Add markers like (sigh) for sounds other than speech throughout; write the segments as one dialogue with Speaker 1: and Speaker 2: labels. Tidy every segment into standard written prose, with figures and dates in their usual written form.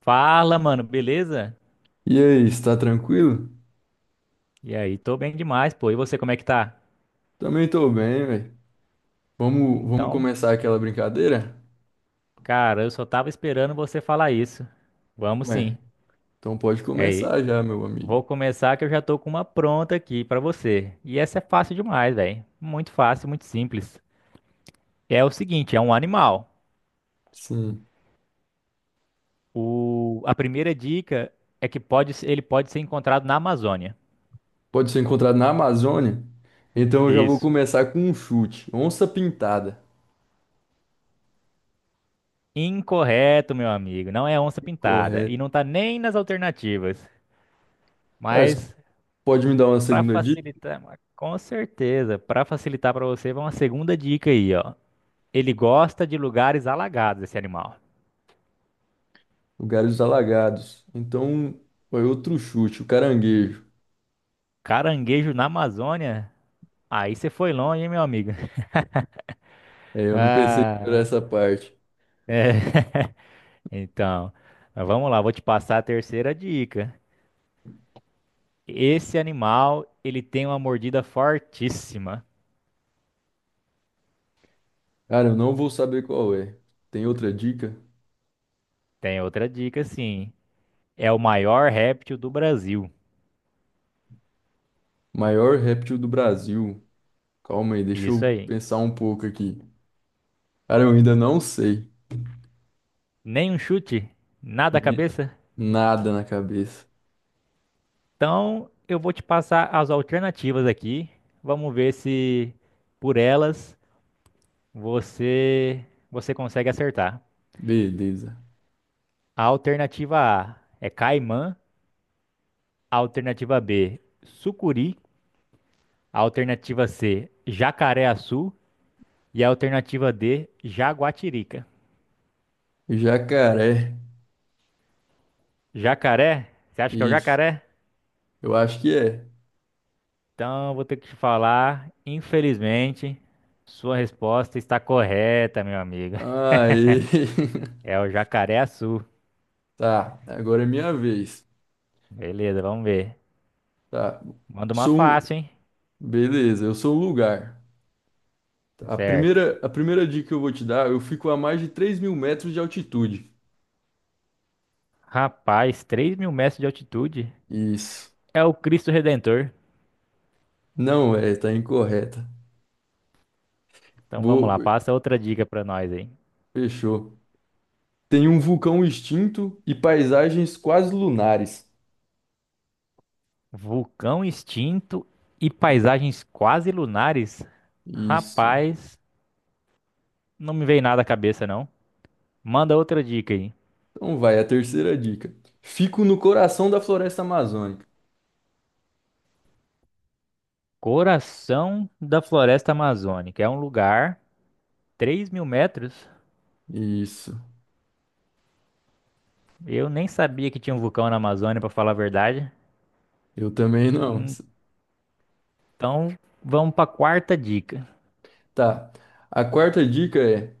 Speaker 1: Fala, mano, beleza?
Speaker 2: E aí, está tranquilo?
Speaker 1: E aí, tô bem demais, pô. E você, como é que tá?
Speaker 2: Também tô bem, velho. Vamos
Speaker 1: Então,
Speaker 2: começar aquela brincadeira?
Speaker 1: cara, eu só tava esperando você falar isso. Vamos
Speaker 2: Ué,
Speaker 1: sim.
Speaker 2: então pode
Speaker 1: E aí,
Speaker 2: começar já, meu amigo.
Speaker 1: vou começar que eu já tô com uma pronta aqui pra você. E essa é fácil demais, velho. Muito fácil, muito simples. É o seguinte, é um animal.
Speaker 2: Sim.
Speaker 1: O... A primeira dica é que pode... se- ele pode ser encontrado na Amazônia.
Speaker 2: Pode ser encontrado na Amazônia? Então eu já vou
Speaker 1: Isso.
Speaker 2: começar com um chute. Onça pintada.
Speaker 1: Incorreto, meu amigo. Não é onça pintada. E
Speaker 2: Correto.
Speaker 1: não tá nem nas alternativas.
Speaker 2: Cara, você
Speaker 1: Mas
Speaker 2: pode me dar uma
Speaker 1: para
Speaker 2: segunda dica?
Speaker 1: facilitar, com certeza, para facilitar para você, vai uma segunda dica aí, ó. Ele gosta de lugares alagados, esse animal.
Speaker 2: Lugares alagados. Então, foi outro chute, o caranguejo.
Speaker 1: Caranguejo na Amazônia? Aí você foi longe, hein, meu amigo? (laughs)
Speaker 2: É, eu não pensei por
Speaker 1: Ah,
Speaker 2: essa parte.
Speaker 1: é. Então, mas vamos lá, vou te passar a terceira dica. Esse animal, ele tem uma mordida fortíssima.
Speaker 2: Cara, eu não vou saber qual é. Tem outra dica?
Speaker 1: Tem outra dica, sim. É o maior réptil do Brasil.
Speaker 2: Maior réptil do Brasil. Calma aí, deixa
Speaker 1: Isso
Speaker 2: eu
Speaker 1: aí.
Speaker 2: pensar um pouco aqui. Cara, eu ainda não sei.
Speaker 1: Nem um chute, nada a
Speaker 2: Ni-
Speaker 1: cabeça.
Speaker 2: Nada na cabeça.
Speaker 1: Então, eu vou te passar as alternativas aqui. Vamos ver se por elas você você consegue acertar.
Speaker 2: Beleza.
Speaker 1: A alternativa A é caimã, a alternativa B, sucuri, a alternativa C, jacaré-açu e a alternativa D, jaguatirica.
Speaker 2: Jacaré.
Speaker 1: Jacaré? Você acha que é o
Speaker 2: Isso.
Speaker 1: jacaré?
Speaker 2: Eu acho que é.
Speaker 1: Então, eu vou ter que te falar, infelizmente, sua resposta está correta, meu amigo. (laughs)
Speaker 2: Aê. (laughs)
Speaker 1: É o jacaré-açu.
Speaker 2: Tá, agora é minha vez.
Speaker 1: Beleza, vamos ver.
Speaker 2: Tá.
Speaker 1: Manda uma
Speaker 2: Sou um...
Speaker 1: fácil, hein?
Speaker 2: Beleza, eu sou um lugar. A
Speaker 1: Certo.
Speaker 2: primeira, a primeira dica que eu vou te dar, eu fico a mais de 3.000 metros de altitude.
Speaker 1: Rapaz, 3 mil metros de altitude
Speaker 2: Isso.
Speaker 1: é o Cristo Redentor.
Speaker 2: Não é, tá incorreta.
Speaker 1: Então vamos
Speaker 2: Vou...
Speaker 1: lá, passa outra dica pra nós aí.
Speaker 2: Fechou. Tem um vulcão extinto e paisagens quase lunares.
Speaker 1: Vulcão extinto e paisagens quase lunares?
Speaker 2: Isso.
Speaker 1: Rapaz, não me veio nada à cabeça não. Manda outra dica aí.
Speaker 2: Então vai, a terceira dica. Fico no coração da floresta amazônica.
Speaker 1: Coração da Floresta Amazônica. É um lugar, 3 mil metros.
Speaker 2: Isso.
Speaker 1: Eu nem sabia que tinha um vulcão na Amazônia, pra falar a verdade.
Speaker 2: Eu também não. (laughs)
Speaker 1: Então vamos pra quarta dica.
Speaker 2: Tá. A quarta dica é: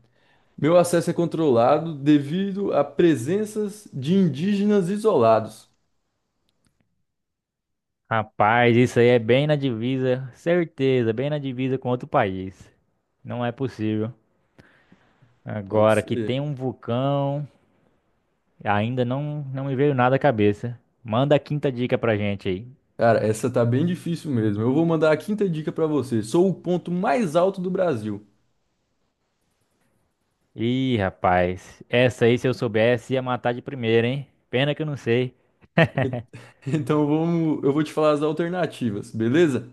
Speaker 2: meu acesso é controlado devido a presenças de indígenas isolados.
Speaker 1: Rapaz, isso aí é bem na divisa, certeza, bem na divisa com outro país. Não é possível.
Speaker 2: Pode
Speaker 1: Agora que tem
Speaker 2: ser.
Speaker 1: um vulcão, ainda não me veio nada à cabeça. Manda a quinta dica pra gente aí.
Speaker 2: Cara, essa tá bem difícil mesmo. Eu vou mandar a quinta dica pra você. Sou o ponto mais alto do Brasil.
Speaker 1: Ih, rapaz, essa aí se eu soubesse ia matar de primeira, hein? Pena que eu não sei.
Speaker 2: E- (laughs) Então vamos, eu vou te falar as alternativas, beleza?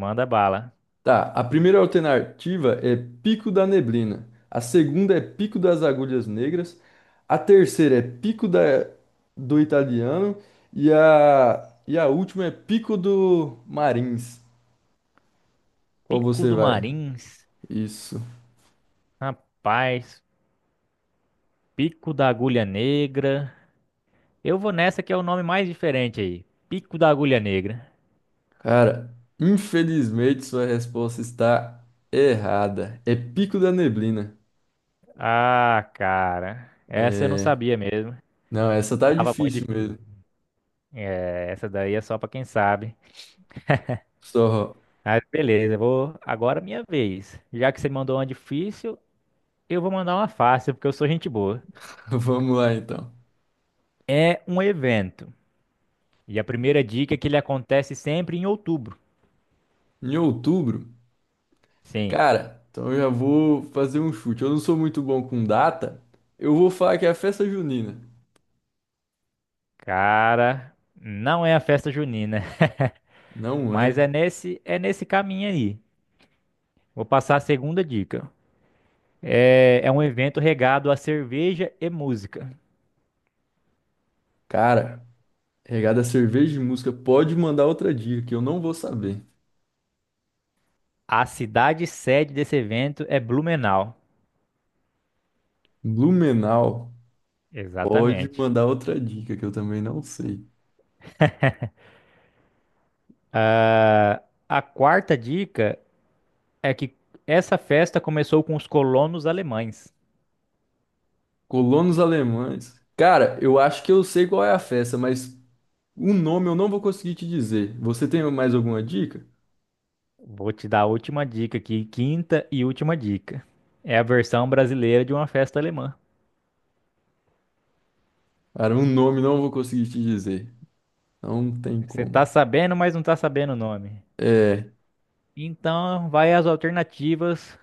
Speaker 1: Manda bala.
Speaker 2: Tá, a primeira alternativa é Pico da Neblina. A segunda é Pico das Agulhas Negras. A terceira é Pico da, do Italiano. E a última é Pico do Marins. Qual
Speaker 1: Pico
Speaker 2: você
Speaker 1: do
Speaker 2: vai?
Speaker 1: Marins,
Speaker 2: Isso.
Speaker 1: rapaz, Pico da Agulha Negra. Eu vou nessa que é o nome mais diferente aí. Pico da Agulha Negra.
Speaker 2: Cara, infelizmente sua resposta está errada. É Pico da Neblina.
Speaker 1: Ah, cara, essa eu não
Speaker 2: É...
Speaker 1: sabia mesmo.
Speaker 2: Não, essa tá
Speaker 1: Tava muito
Speaker 2: difícil
Speaker 1: difícil.
Speaker 2: mesmo.
Speaker 1: É, essa daí é só pra quem sabe.
Speaker 2: Só
Speaker 1: Mas beleza, vou agora é minha vez. Já que você mandou uma difícil, eu vou mandar uma fácil, porque eu sou gente boa.
Speaker 2: (laughs) vamos lá então.
Speaker 1: É um evento. E a primeira dica é que ele acontece sempre em outubro.
Speaker 2: Em outubro.
Speaker 1: Sim,
Speaker 2: Cara, então eu já vou fazer um chute. Eu não sou muito bom com data. Eu vou falar que é a festa junina.
Speaker 1: cara, não é a festa junina, (laughs)
Speaker 2: Não
Speaker 1: mas
Speaker 2: é.
Speaker 1: é nesse caminho aí. Vou passar a segunda dica. É um evento regado a cerveja e música.
Speaker 2: Cara, regada a cerveja e música, pode mandar outra dica que eu não vou saber.
Speaker 1: A cidade sede desse evento é Blumenau.
Speaker 2: Blumenau, pode
Speaker 1: Exatamente.
Speaker 2: mandar outra dica que eu também não sei.
Speaker 1: A quarta dica é que essa festa começou com os colonos alemães.
Speaker 2: Colonos alemães. Cara, eu acho que eu sei qual é a festa, mas o nome eu não vou conseguir te dizer. Você tem mais alguma dica?
Speaker 1: Vou te dar a última dica aqui, quinta e última dica. É a versão brasileira de uma festa alemã.
Speaker 2: Cara, o nome não vou conseguir te dizer. Não tem
Speaker 1: Você
Speaker 2: como.
Speaker 1: tá sabendo, mas não tá sabendo o nome.
Speaker 2: É.
Speaker 1: Então, vai as alternativas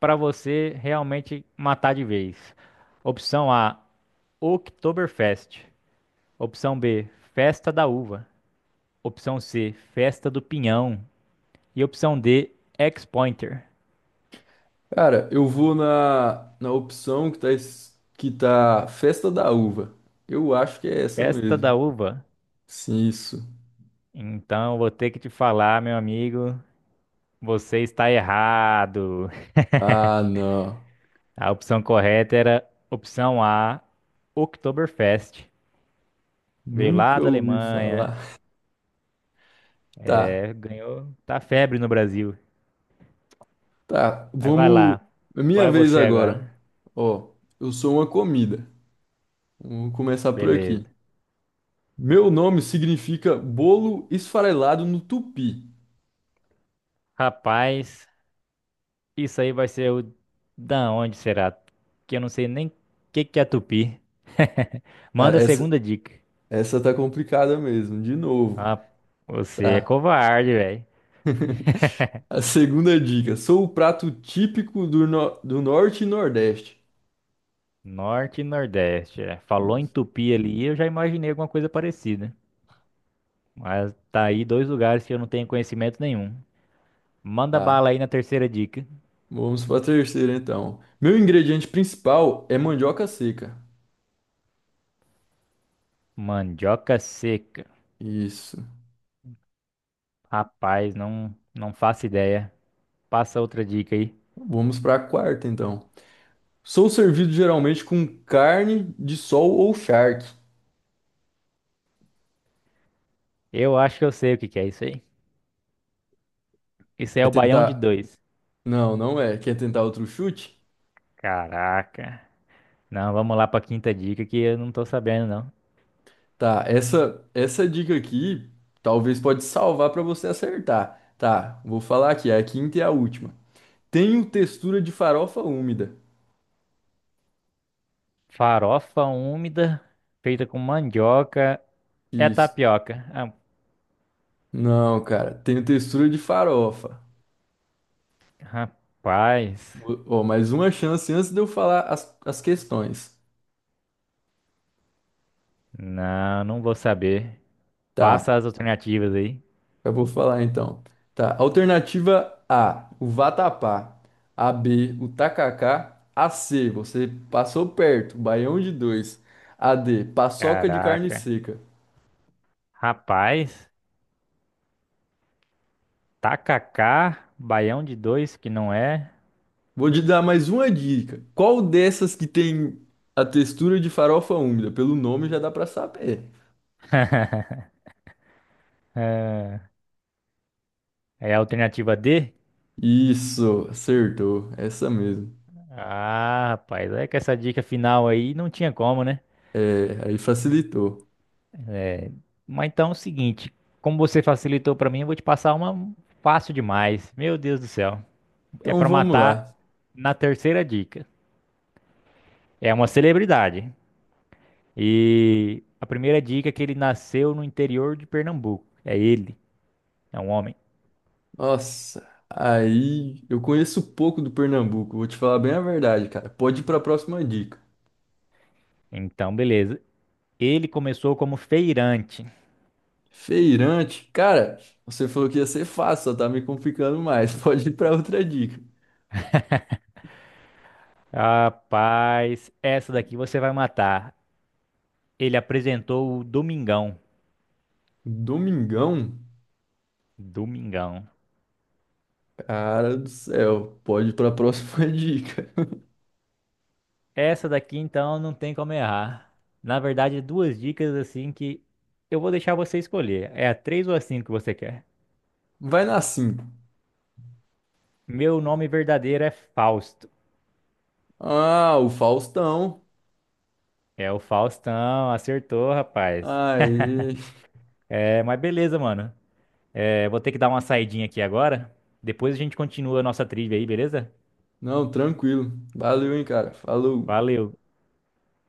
Speaker 1: para você realmente matar de vez. Opção A, Oktoberfest. Opção B, Festa da Uva. Opção C, Festa do Pinhão. E opção D, Ex-Pointer,
Speaker 2: Cara, eu vou na opção que tá, que tá Festa da Uva. Eu acho que é essa
Speaker 1: Festa
Speaker 2: mesmo.
Speaker 1: da Uva.
Speaker 2: Sim, isso.
Speaker 1: Então, vou ter que te falar, meu amigo, você está errado.
Speaker 2: Ah, não.
Speaker 1: A opção correta era opção A, Oktoberfest. Veio lá
Speaker 2: Nunca
Speaker 1: da
Speaker 2: ouvi
Speaker 1: Alemanha,
Speaker 2: falar. Tá,
Speaker 1: é, ganhou, tá febre no Brasil.
Speaker 2: tá.
Speaker 1: Aí vai
Speaker 2: Vamos.
Speaker 1: lá,
Speaker 2: É minha
Speaker 1: vai
Speaker 2: vez
Speaker 1: você
Speaker 2: agora.
Speaker 1: agora.
Speaker 2: Ó, eu sou uma comida. Vamos começar por aqui.
Speaker 1: Beleza.
Speaker 2: Meu nome significa bolo esfarelado no tupi.
Speaker 1: Rapaz, isso aí vai ser o da onde será? Que eu não sei nem o que que é tupi. (laughs)
Speaker 2: Cara,
Speaker 1: Manda a
Speaker 2: essa,
Speaker 1: segunda dica.
Speaker 2: essa tá complicada mesmo. De novo.
Speaker 1: Ah, você é
Speaker 2: Tá.
Speaker 1: covarde, velho.
Speaker 2: (laughs) A segunda dica. Sou o prato típico do norte e nordeste.
Speaker 1: Norte e Nordeste. É. Falou em
Speaker 2: Isso.
Speaker 1: Tupi ali, eu já imaginei alguma coisa parecida. Mas tá aí dois lugares que eu não tenho conhecimento nenhum. Manda
Speaker 2: Tá.
Speaker 1: bala aí na terceira dica.
Speaker 2: Vamos para a terceira, então. Meu ingrediente principal é mandioca seca.
Speaker 1: Mandioca seca.
Speaker 2: Isso.
Speaker 1: Rapaz, não faço ideia. Passa outra dica aí.
Speaker 2: Vamos para a quarta, então. Sou servido geralmente com carne de sol ou charque.
Speaker 1: Eu acho que eu sei o que que é isso aí. Isso é
Speaker 2: Quer
Speaker 1: o baião de
Speaker 2: tentar?
Speaker 1: dois.
Speaker 2: Não, não é. Quer tentar outro chute?
Speaker 1: Caraca. Não, vamos lá pra quinta dica que eu não tô sabendo, não.
Speaker 2: Tá, essa dica aqui talvez pode salvar para você acertar. Tá, vou falar aqui, a quinta e a última. Tenho textura de farofa úmida.
Speaker 1: Farofa úmida, feita com mandioca. É
Speaker 2: Isso.
Speaker 1: tapioca. Ah,
Speaker 2: Não, cara, tenho textura de farofa.
Speaker 1: rapaz.
Speaker 2: Ó, mais uma chance antes de eu falar as questões.
Speaker 1: Não vou saber. Passa
Speaker 2: Tá,
Speaker 1: as alternativas aí.
Speaker 2: eu vou falar então. Tá, alternativa A, o vatapá. A B, o tacacá. A C, você passou perto, baião de dois. A D, paçoca de carne
Speaker 1: Caraca.
Speaker 2: seca.
Speaker 1: Rapaz. Tacacá, baião de dois, que não é.
Speaker 2: Vou te dar mais uma dica. Qual dessas que tem a textura de farofa úmida? Pelo nome já dá pra saber.
Speaker 1: É a alternativa D?
Speaker 2: Isso, acertou. Essa mesmo.
Speaker 1: Ah, rapaz. É que essa dica final aí não tinha como, né?
Speaker 2: É, aí facilitou.
Speaker 1: Mas então é o seguinte. Como você facilitou pra mim, eu vou te passar uma fácil demais. Meu Deus do céu. É
Speaker 2: Então
Speaker 1: pra
Speaker 2: vamos
Speaker 1: matar
Speaker 2: lá.
Speaker 1: na terceira dica. É uma celebridade. E a primeira dica é que ele nasceu no interior de Pernambuco. É ele, é um homem.
Speaker 2: Nossa, aí eu conheço pouco do Pernambuco, vou te falar bem a verdade, cara. Pode ir para a próxima dica.
Speaker 1: Então, beleza. Ele começou como feirante.
Speaker 2: Feirante, cara, você falou que ia ser fácil, só tá me complicando mais. (laughs) Pode ir para outra dica.
Speaker 1: Rapaz, essa daqui você vai matar. Ele apresentou o Domingão.
Speaker 2: Domingão,
Speaker 1: Domingão.
Speaker 2: cara do céu, pode ir para a próxima (laughs) dica.
Speaker 1: Essa daqui, então, não tem como errar. Na verdade, é duas dicas assim que eu vou deixar você escolher. É a 3 ou a 5 que você quer?
Speaker 2: Vai na 5.
Speaker 1: Meu nome verdadeiro é Fausto.
Speaker 2: Ah, o Faustão.
Speaker 1: É o Faustão, acertou, rapaz.
Speaker 2: Aê.
Speaker 1: É, mas beleza, mano. É, vou ter que dar uma saidinha aqui agora. Depois a gente continua a nossa trilha aí, beleza?
Speaker 2: Não, tranquilo. Valeu, hein, cara. Falou.
Speaker 1: Valeu.